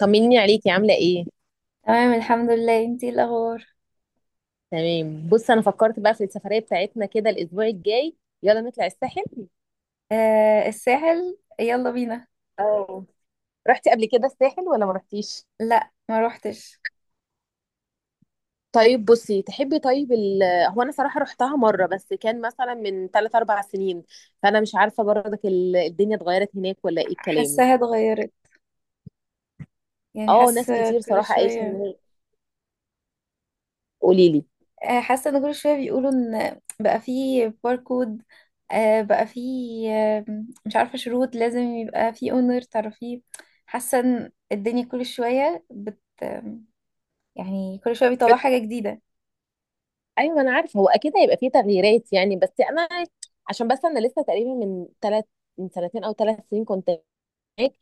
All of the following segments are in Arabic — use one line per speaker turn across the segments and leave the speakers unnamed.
طمنيني عليكي عاملة ايه؟
تمام الحمد لله، انتي ايه الاخبار؟
تمام. بص، انا فكرت بقى في السفرية بتاعتنا كده الاسبوع الجاي. يلا نطلع الساحل.
آه الساحل، يلا بينا.
اه. رحتي قبل كده الساحل ولا ما رحتيش؟
لا ما روحتش.
طيب بصي، تحبي طيب هو انا صراحة رحتها مرة بس كان مثلا من 3 4 سنين، فانا مش عارفة برضك الدنيا اتغيرت هناك ولا ايه الكلام؟
حاساها اتغيرت. يعني
اه، ناس
حاسه
كتير
كل
صراحة قالت لي ان
شويه.
هي. قولي لي.
آه حاسه ان كل شويه بيقولوا ان بقى فيه باركود. آه بقى فيه آه، مش عارفه شروط لازم يبقى فيه اونر تعرفيه. حاسه ان الدنيا كل شويه بت، يعني كل شويه بيطلعوا
بس
حاجه جديده.
ايوه، انا عارفة هو اكيد هيبقى فيه تغييرات يعني، بس انا عشان بس انا لسه تقريبا من سنتين او 3 سنين كنت هناك،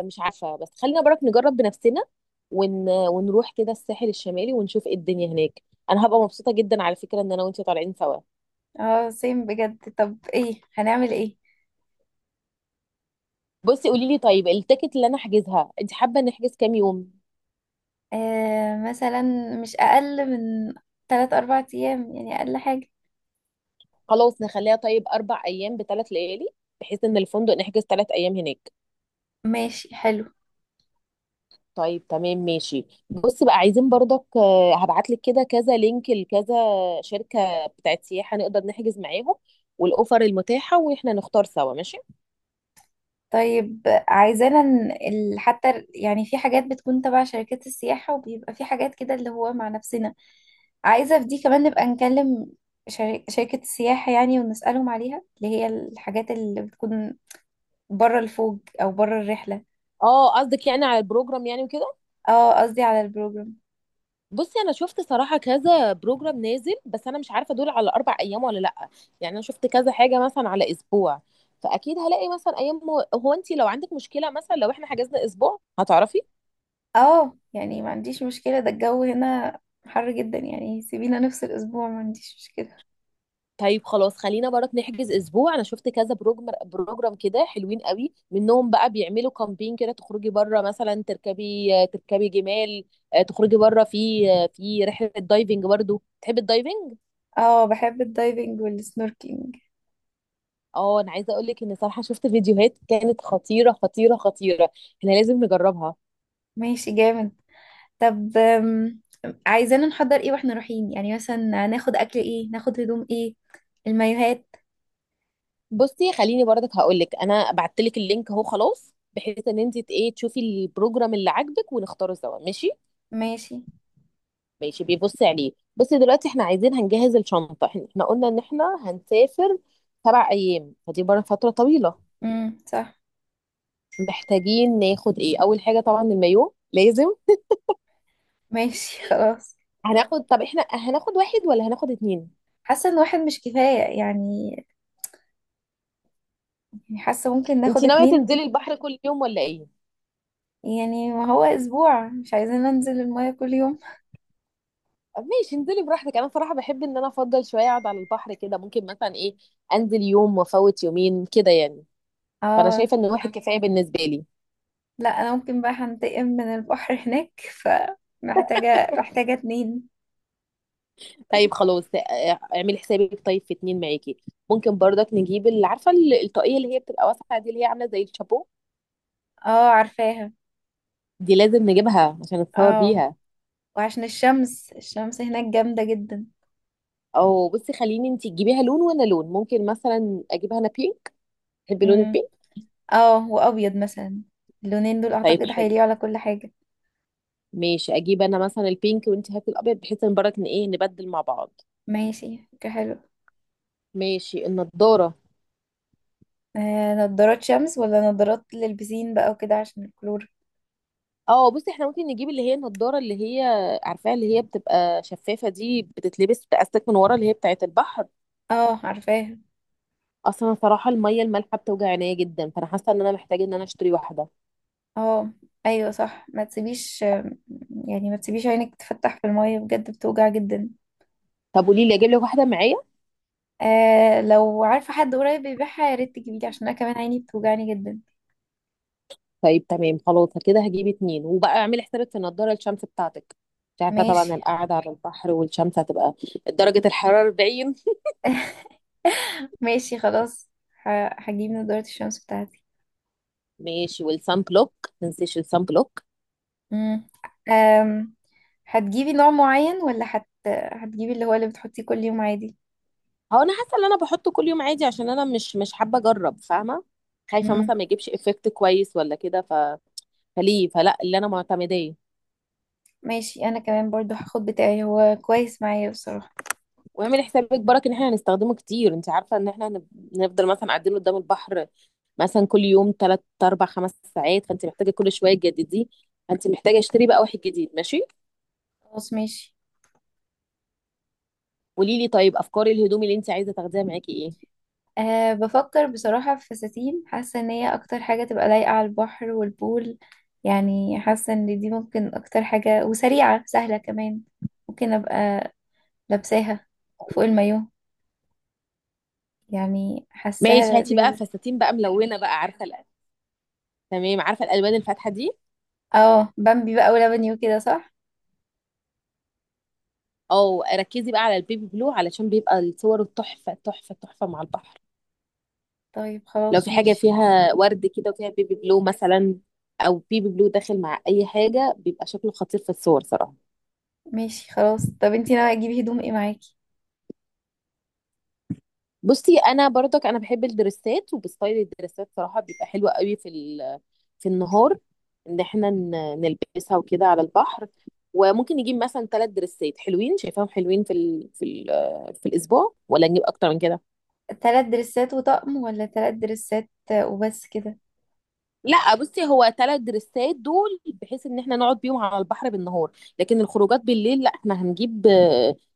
مش عارفة. بس خلينا برك نجرب بنفسنا ونروح كده الساحل الشمالي ونشوف ايه الدنيا هناك. انا هبقى مبسوطة جدا على فكرة ان انا وانتي طالعين سوا.
اه سيم بجد. طب ايه هنعمل ايه؟
بصي قولي لي، طيب التيكت اللي انا احجزها انت حابة نحجز كام يوم؟
آه مثلا مش أقل من تلات أربع أيام، يعني أقل حاجة.
خلاص نخليها طيب 4 ايام بثلاث ليالي، بحيث ان الفندق نحجز 3 ايام هناك.
ماشي حلو.
طيب تمام ماشي. بصي بقى، عايزين برضك هبعت لك كده كذا لينك لكذا شركة بتاعت سياحة نقدر نحجز معاهم، والاوفر المتاحة واحنا نختار سوا، ماشي.
طيب عايزانا يعني في حاجات بتكون تبع شركات السياحة وبيبقى في حاجات كده اللي هو مع نفسنا. عايزة في دي كمان نبقى نكلم شركة السياحة يعني ونسألهم عليها اللي هي الحاجات اللي بتكون بره الفوج أو بره الرحلة.
اه، قصدك يعني على البروجرام يعني وكده.
اه قصدي على البروجرام.
بصي انا شفت صراحه كذا بروجرام نازل، بس انا مش عارفه دول على اربع ايام ولا لا. يعني انا شفت كذا حاجه مثلا على اسبوع، فاكيد هلاقي مثلا ايام هو انت لو عندك مشكله مثلا لو احنا حجزنا اسبوع هتعرفي.
اه يعني ما عنديش مشكلة، ده الجو هنا حر جدا، يعني سيبينا نفس الأسبوع، ما عنديش مشكلة.
طيب خلاص، خلينا برك نحجز اسبوع. انا شفت كذا بروجرام كده حلوين قوي منهم بقى، بيعملوا كامبين كده تخرجي بره مثلا، تركبي جمال، تخرجي بره في في رحله دايفنج. برضو تحبي الدايفنج؟
اه بحب الدايفنج والسنوركينج.
اه، انا عايزه اقول لك ان صراحه شفت فيديوهات كانت خطيره خطيره خطيره، احنا لازم نجربها.
ماشي جامد. طب عايزين نحضر ايه واحنا رايحين؟ يعني مثلا ناخد اكل ايه، ناخد هدوم ايه، المايوهات.
بصي خليني برضك هقول لك، انا بعت لك اللينك اهو، خلاص بحيث ان انت ت- ايه تشوفي البروجرام اللي عاجبك ونختاره سوا، ماشي؟
ماشي
ماشي بيبصي عليه. بصي دلوقتي احنا عايزين هنجهز الشنطه. احنا قلنا ان احنا هنسافر 7 ايام، فدي بره فتره طويله.
امم، صح.
محتاجين ناخد ايه اول حاجه؟ طبعا المايو لازم.
ماشي خلاص.
طب احنا هناخد واحد ولا هناخد اتنين؟
حاسه ان واحد مش كفايه يعني، حاسه ممكن
انت
ناخد
ناويه
اتنين.
تنزلي البحر كل يوم ولا ايه؟
يعني ما هو اسبوع، مش عايزين ننزل المايه كل يوم.
ماشي انزلي براحتك. انا صراحه بحب ان انا افضل شويه اقعد على البحر، كده ممكن مثلا ايه، انزل يوم وافوت يومين كده يعني. فانا
اه.
شايفه ان واحد كفايه بالنسبه لي.
لا انا ممكن بقى هنتقم من البحر هناك، فمحتاجه اتنين.
طيب خلاص. اه، اعملي حسابك طيب في اتنين معاكي. ممكن برضك نجيب اللي، عارفه الطاقيه اللي هي بتبقى واسعه دي اللي هي عامله زي الشابو.
اه عارفاها.
دي لازم نجيبها عشان نتصور
اه
بيها.
وعشان الشمس، الشمس هناك جامدة جدا.
او بصي خليني انت تجيبيها لون وانا لون، ممكن مثلا اجيبها انا بينك. تحبي لون
امم،
البينك؟
اه وأبيض مثلا، اللونين دول
طيب
أعتقد
حلو،
هيليقوا على كل حاجة.
ماشي. اجيب انا مثلا البينك وانت هاتي الابيض، بحيث ان برضك ان ايه، نبدل مع بعض.
ماشي فكرة حلوة.
ماشي. النضاره.
آه نضارات شمس ولا نضارات للبسين بقى وكده عشان الكلور؟
اه، بصي احنا ممكن نجيب اللي هي النضاره اللي هي، عارفاها اللي هي بتبقى شفافه دي، بتتلبس بتأستك من ورا، اللي هي بتاعت البحر.
اه عارفاها.
اصلا صراحه الميه المالحه بتوجع عينيا جدا، فانا حاسه ان انا محتاجه ان انا اشتري واحده.
اه ايوه صح، ما تسيبيش، يعني ما تسيبيش عينك تفتح في المية، بجد بتوجع جدا.
طب قولي لي، اجيب لك واحده معايا؟
آه لو عارفة حد قريب بيبيعها يا ريت تجيبيلي، عشان انا كمان عيني بتوجعني جدا.
طيب تمام، خلاص كده هجيب اتنين. وبقى اعملي حسابك في النضاره الشمس بتاعتك. مش عارفه طبعا
ماشي.
القعده على البحر والشمس هتبقى درجه الحراره 40.
ماشي خلاص، هجيب نضارة الشمس بتاعتي.
ماشي. والسان بلوك، ما تنسيش السان بلوك.
مم. أم، هتجيبي نوع معين ولا هتجيبي اللي هو اللي بتحطيه كل يوم عادي؟
هو انا حاسه ان انا بحطه كل يوم عادي، عشان انا مش حابه اجرب فاهمه، خايفه
مم.
مثلا ما يجيبش افكت كويس ولا كده، فليه فلا اللي انا معتمداه.
ماشي، انا كمان برضو هاخد بتاعي، هو كويس معايا بصراحة.
واعمل حسابك برك ان احنا هنستخدمه كتير. انت عارفه ان احنا نفضل مثلا قاعدين قدام البحر مثلا كل يوم 3 4 5 ساعات، فانت محتاجه كل شويه تجدديه، فانت محتاجه اشتري بقى واحد جديد، ماشي؟
خلاص ماشي.
قولي لي طيب، افكار الهدوم اللي انت عايزه تاخديها معاكي ايه؟
أه بفكر بصراحة في فساتين، حاسة ان هي اكتر حاجة تبقى لايقة على البحر والبول. يعني حاسة ان دي ممكن اكتر حاجة، وسريعة سهلة كمان، ممكن ابقى لابساها فوق المايو، يعني
ماشي،
حاساها
هاتي بقى
لذيذة.
فساتين بقى ملونه بقى، عارفه تمام، عارفه الالوان الفاتحه دي.
اه بامبي بقى ولبني وكده، صح.
او ركزي بقى على البيبي بلو علشان بيبقى الصور التحفه تحفه تحفه مع البحر.
طيب
لو
خلاص
في حاجه
ماشي.
فيها ورد كده وفيها بيبي بلو مثلا، او بيبي بلو داخل مع اي حاجه، بيبقى شكله خطير في الصور صراحه.
ماشي خلاص، طب انتي ناوية تجيبي هدوم ايه معاكي؟
بصي انا برضك انا بحب الدرسات، وبستايل الدرسات صراحه بيبقى حلو قوي في النهار، ان احنا نلبسها وكده على البحر. وممكن نجيب مثلا ثلاث درسات حلوين، شايفاهم حلوين في الاسبوع ولا نجيب اكتر من كده؟
تلات دريسات وطقم ولا تلات دريسات وبس كده؟
لا بصي، هو ثلاث دريسات دول بحيث ان احنا نقعد بيهم على البحر بالنهار، لكن الخروجات بالليل لا، احنا هنجيب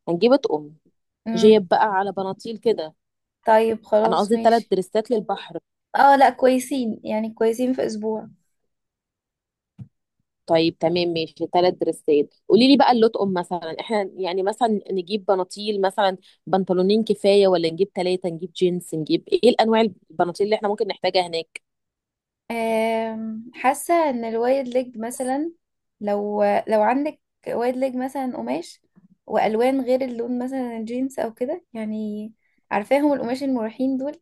هنجيب اطقم.
امم،
جيب بقى على بناطيل كده.
طيب
انا
خلاص
قصدي ثلاث
ماشي.
دريسات للبحر.
اه لا كويسين، يعني كويسين في اسبوع.
طيب تمام ماشي، ثلاث دريسات. قولي لي بقى الاطقم مثلا، احنا يعني مثلا نجيب بناطيل مثلا، بنطلونين كفايه ولا نجيب ثلاثه؟ نجيب جينز، نجيب ايه الانواع البناطيل اللي احنا ممكن نحتاجها هناك؟
حاسة ان الوايد ليج مثلا، لو عندك وايد ليج مثلا قماش، والوان غير اللون مثلا الجينز او كده يعني، عارفاهم القماش المريحين دول.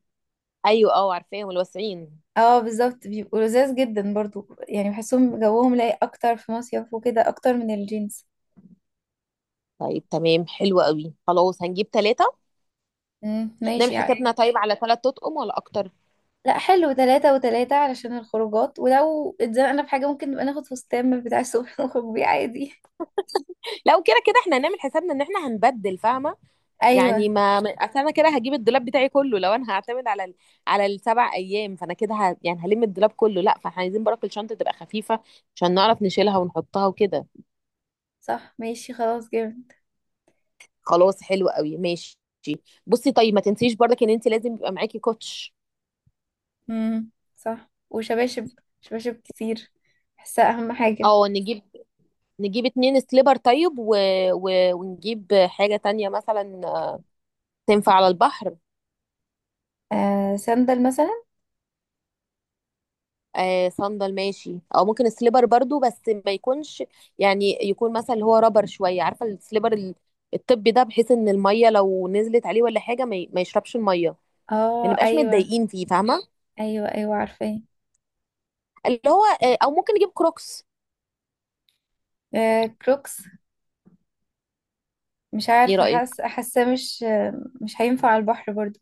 ايوه، اه عارفاهم الواسعين.
اه بالظبط، بيبقوا لذاذ جدا برضو، يعني بحسهم جوهم لايق اكتر في مصيف وكده اكتر من الجينز.
طيب تمام، حلو قوي، خلاص هنجيب ثلاثه.
مم،
نعمل
ماشي يعني.
حسابنا طيب على ثلاث اطقم ولا اكتر؟
لا حلو، ثلاثة وثلاثة علشان الخروجات، ولو اتزنقنا في حاجة ممكن نبقى ناخد فستان من بتاع السوبر، نخرج بيه عادي.
لو كده كده احنا هنعمل حسابنا ان احنا هنبدل فاهمه،
أيوة.
يعني اصل انا كده هجيب الدولاب بتاعي كله. لو انا هعتمد على على السبع ايام فانا كده يعني هلم الدولاب كله، لا، فاحنا عايزين برك الشنطه تبقى خفيفه عشان نعرف نشيلها ونحطها وكده.
صح ماشي خلاص جامد.
خلاص حلو قوي، ماشي. بصي طيب، ما تنسيش برضك ان انت لازم يبقى معاكي كوتش.
امم، صح. وشباشب، شباشب كتير، بحسها أهم حاجة.
او نجيب اتنين سليبر طيب ونجيب حاجه تانية مثلا، تنفع على البحر.
آه سندل مثلا.
آه، صندل ماشي. او ممكن السليبر برضو، بس ما يكونش، يعني يكون مثلا اللي هو رابر شويه، عارفه السليبر الطبي ده، بحيث ان الميه لو نزلت عليه ولا حاجه، ما يشربش الميه، ما
اه
نبقاش
أيوة.
متضايقين فيه فاهمه.
أيوة أيوة عارفة.
اللي هو او ممكن نجيب كروكس.
آه كروكس. مش
ايه
عارفة،
رايك؟
حاسة حاسة مش مش هينفع على البحر برضو.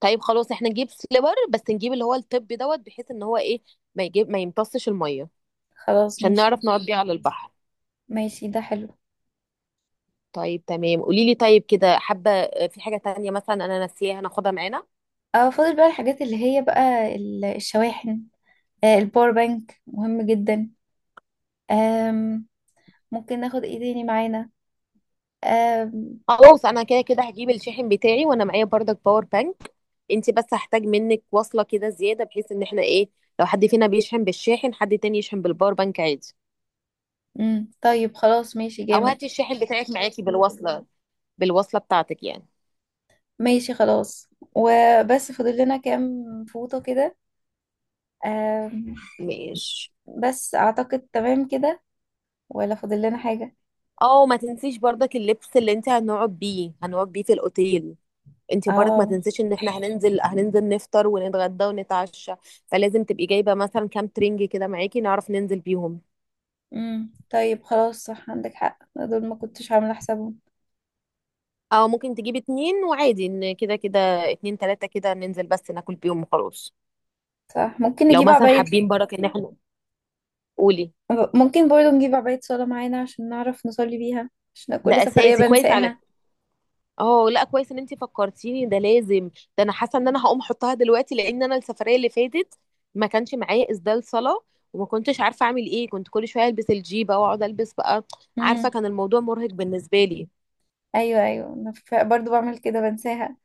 طيب خلاص، احنا نجيب سليبر بس نجيب اللي هو الطبي دوت، بحيث ان هو ايه، ما يمتصش الميه
خلاص
عشان
ماشي.
نعرف نقعد بيه على البحر.
ماشي ده حلو.
طيب تمام. قولي لي طيب، كده حابه في حاجه تانية مثلا انا ناسيها ناخدها معانا؟
اه فاضل بقى الحاجات اللي هي بقى الشواحن، الباور بانك مهم جدا. آم، ممكن ناخد ايه تاني معانا؟ آم،
خلاص، انا كده كده هجيب الشاحن بتاعي وانا معايا بردك باور بانك. انت بس هحتاج منك وصلة كده زيادة، بحيث ان احنا ايه، لو حد فينا بيشحن بالشاحن حد تاني يشحن بالباور بانك عادي.
مم، طيب خلاص ماشي
او
جامد.
هاتي الشاحن بتاعك معاكي بالوصلة بتاعتك يعني.
ماشي خلاص. وبس فاضل لنا كام فوطة كده. آم،
ماشي.
بس اعتقد تمام كده، ولا فاضل لنا حاجة؟
اه ما تنسيش بردك اللبس اللي انت هنقعد بيه في الاوتيل. انت بردك ما
اه.
تنسيش ان احنا هننزل نفطر ونتغدى ونتعشى، فلازم تبقي جايبة مثلا كام ترنج كده معاكي نعرف ننزل بيهم.
مم، طيب خلاص، صح عندك حق، دول ما كنتش عاملة حسابهم.
او ممكن تجيب اتنين وعادي، ان كده كده اتنين تلاتة كده ننزل بس ناكل بيهم وخلاص.
صح، ممكن
لو
نجيب
مثلا
عباية.
حابين برك ان احنا، قولي.
ممكن برضه نجيب عباية صلاة معانا عشان نعرف نصلي بيها، عشان
ده
كل سفرية
اساسي كويس على
بنساها.
فكرة. اه لا، كويس ان انتي فكرتيني، ده لازم. ده انا حاسه ان انا هقوم احطها دلوقتي، لان انا السفريه اللي فاتت ما كانش معايا اسدال صلاه، وما كنتش عارفه اعمل ايه، كنت كل شويه البس الجيبه واقعد البس بقى. عارفه كان الموضوع مرهق بالنسبه لي.
ايوه ايوه، انا برضو بعمل كده، بنساها.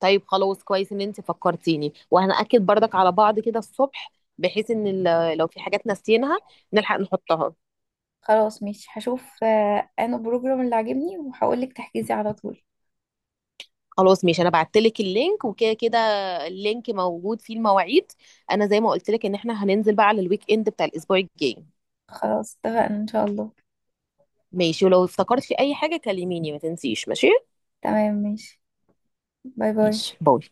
طيب خلاص، كويس ان انت فكرتيني. وهنأكد برضك على بعض كده الصبح، بحيث ان لو في حاجات ناسيينها نلحق نحطها.
خلاص ماشي، هشوف انا بروجرام اللي عاجبني وهقولك تحجزي على طول.
خلاص ماشي، انا بعتلك اللينك وكده كده. اللينك موجود فيه المواعيد. انا زي ما قلت لك ان احنا هننزل بقى على الويك اند بتاع الاسبوع الجاي.
خلاص اتفقنا ان شاء الله.
ماشي، ولو افتكرت في اي حاجة كلميني، ما تنسيش، ماشي.
تمام ماشي. باي
ماشي،
باي.
باي.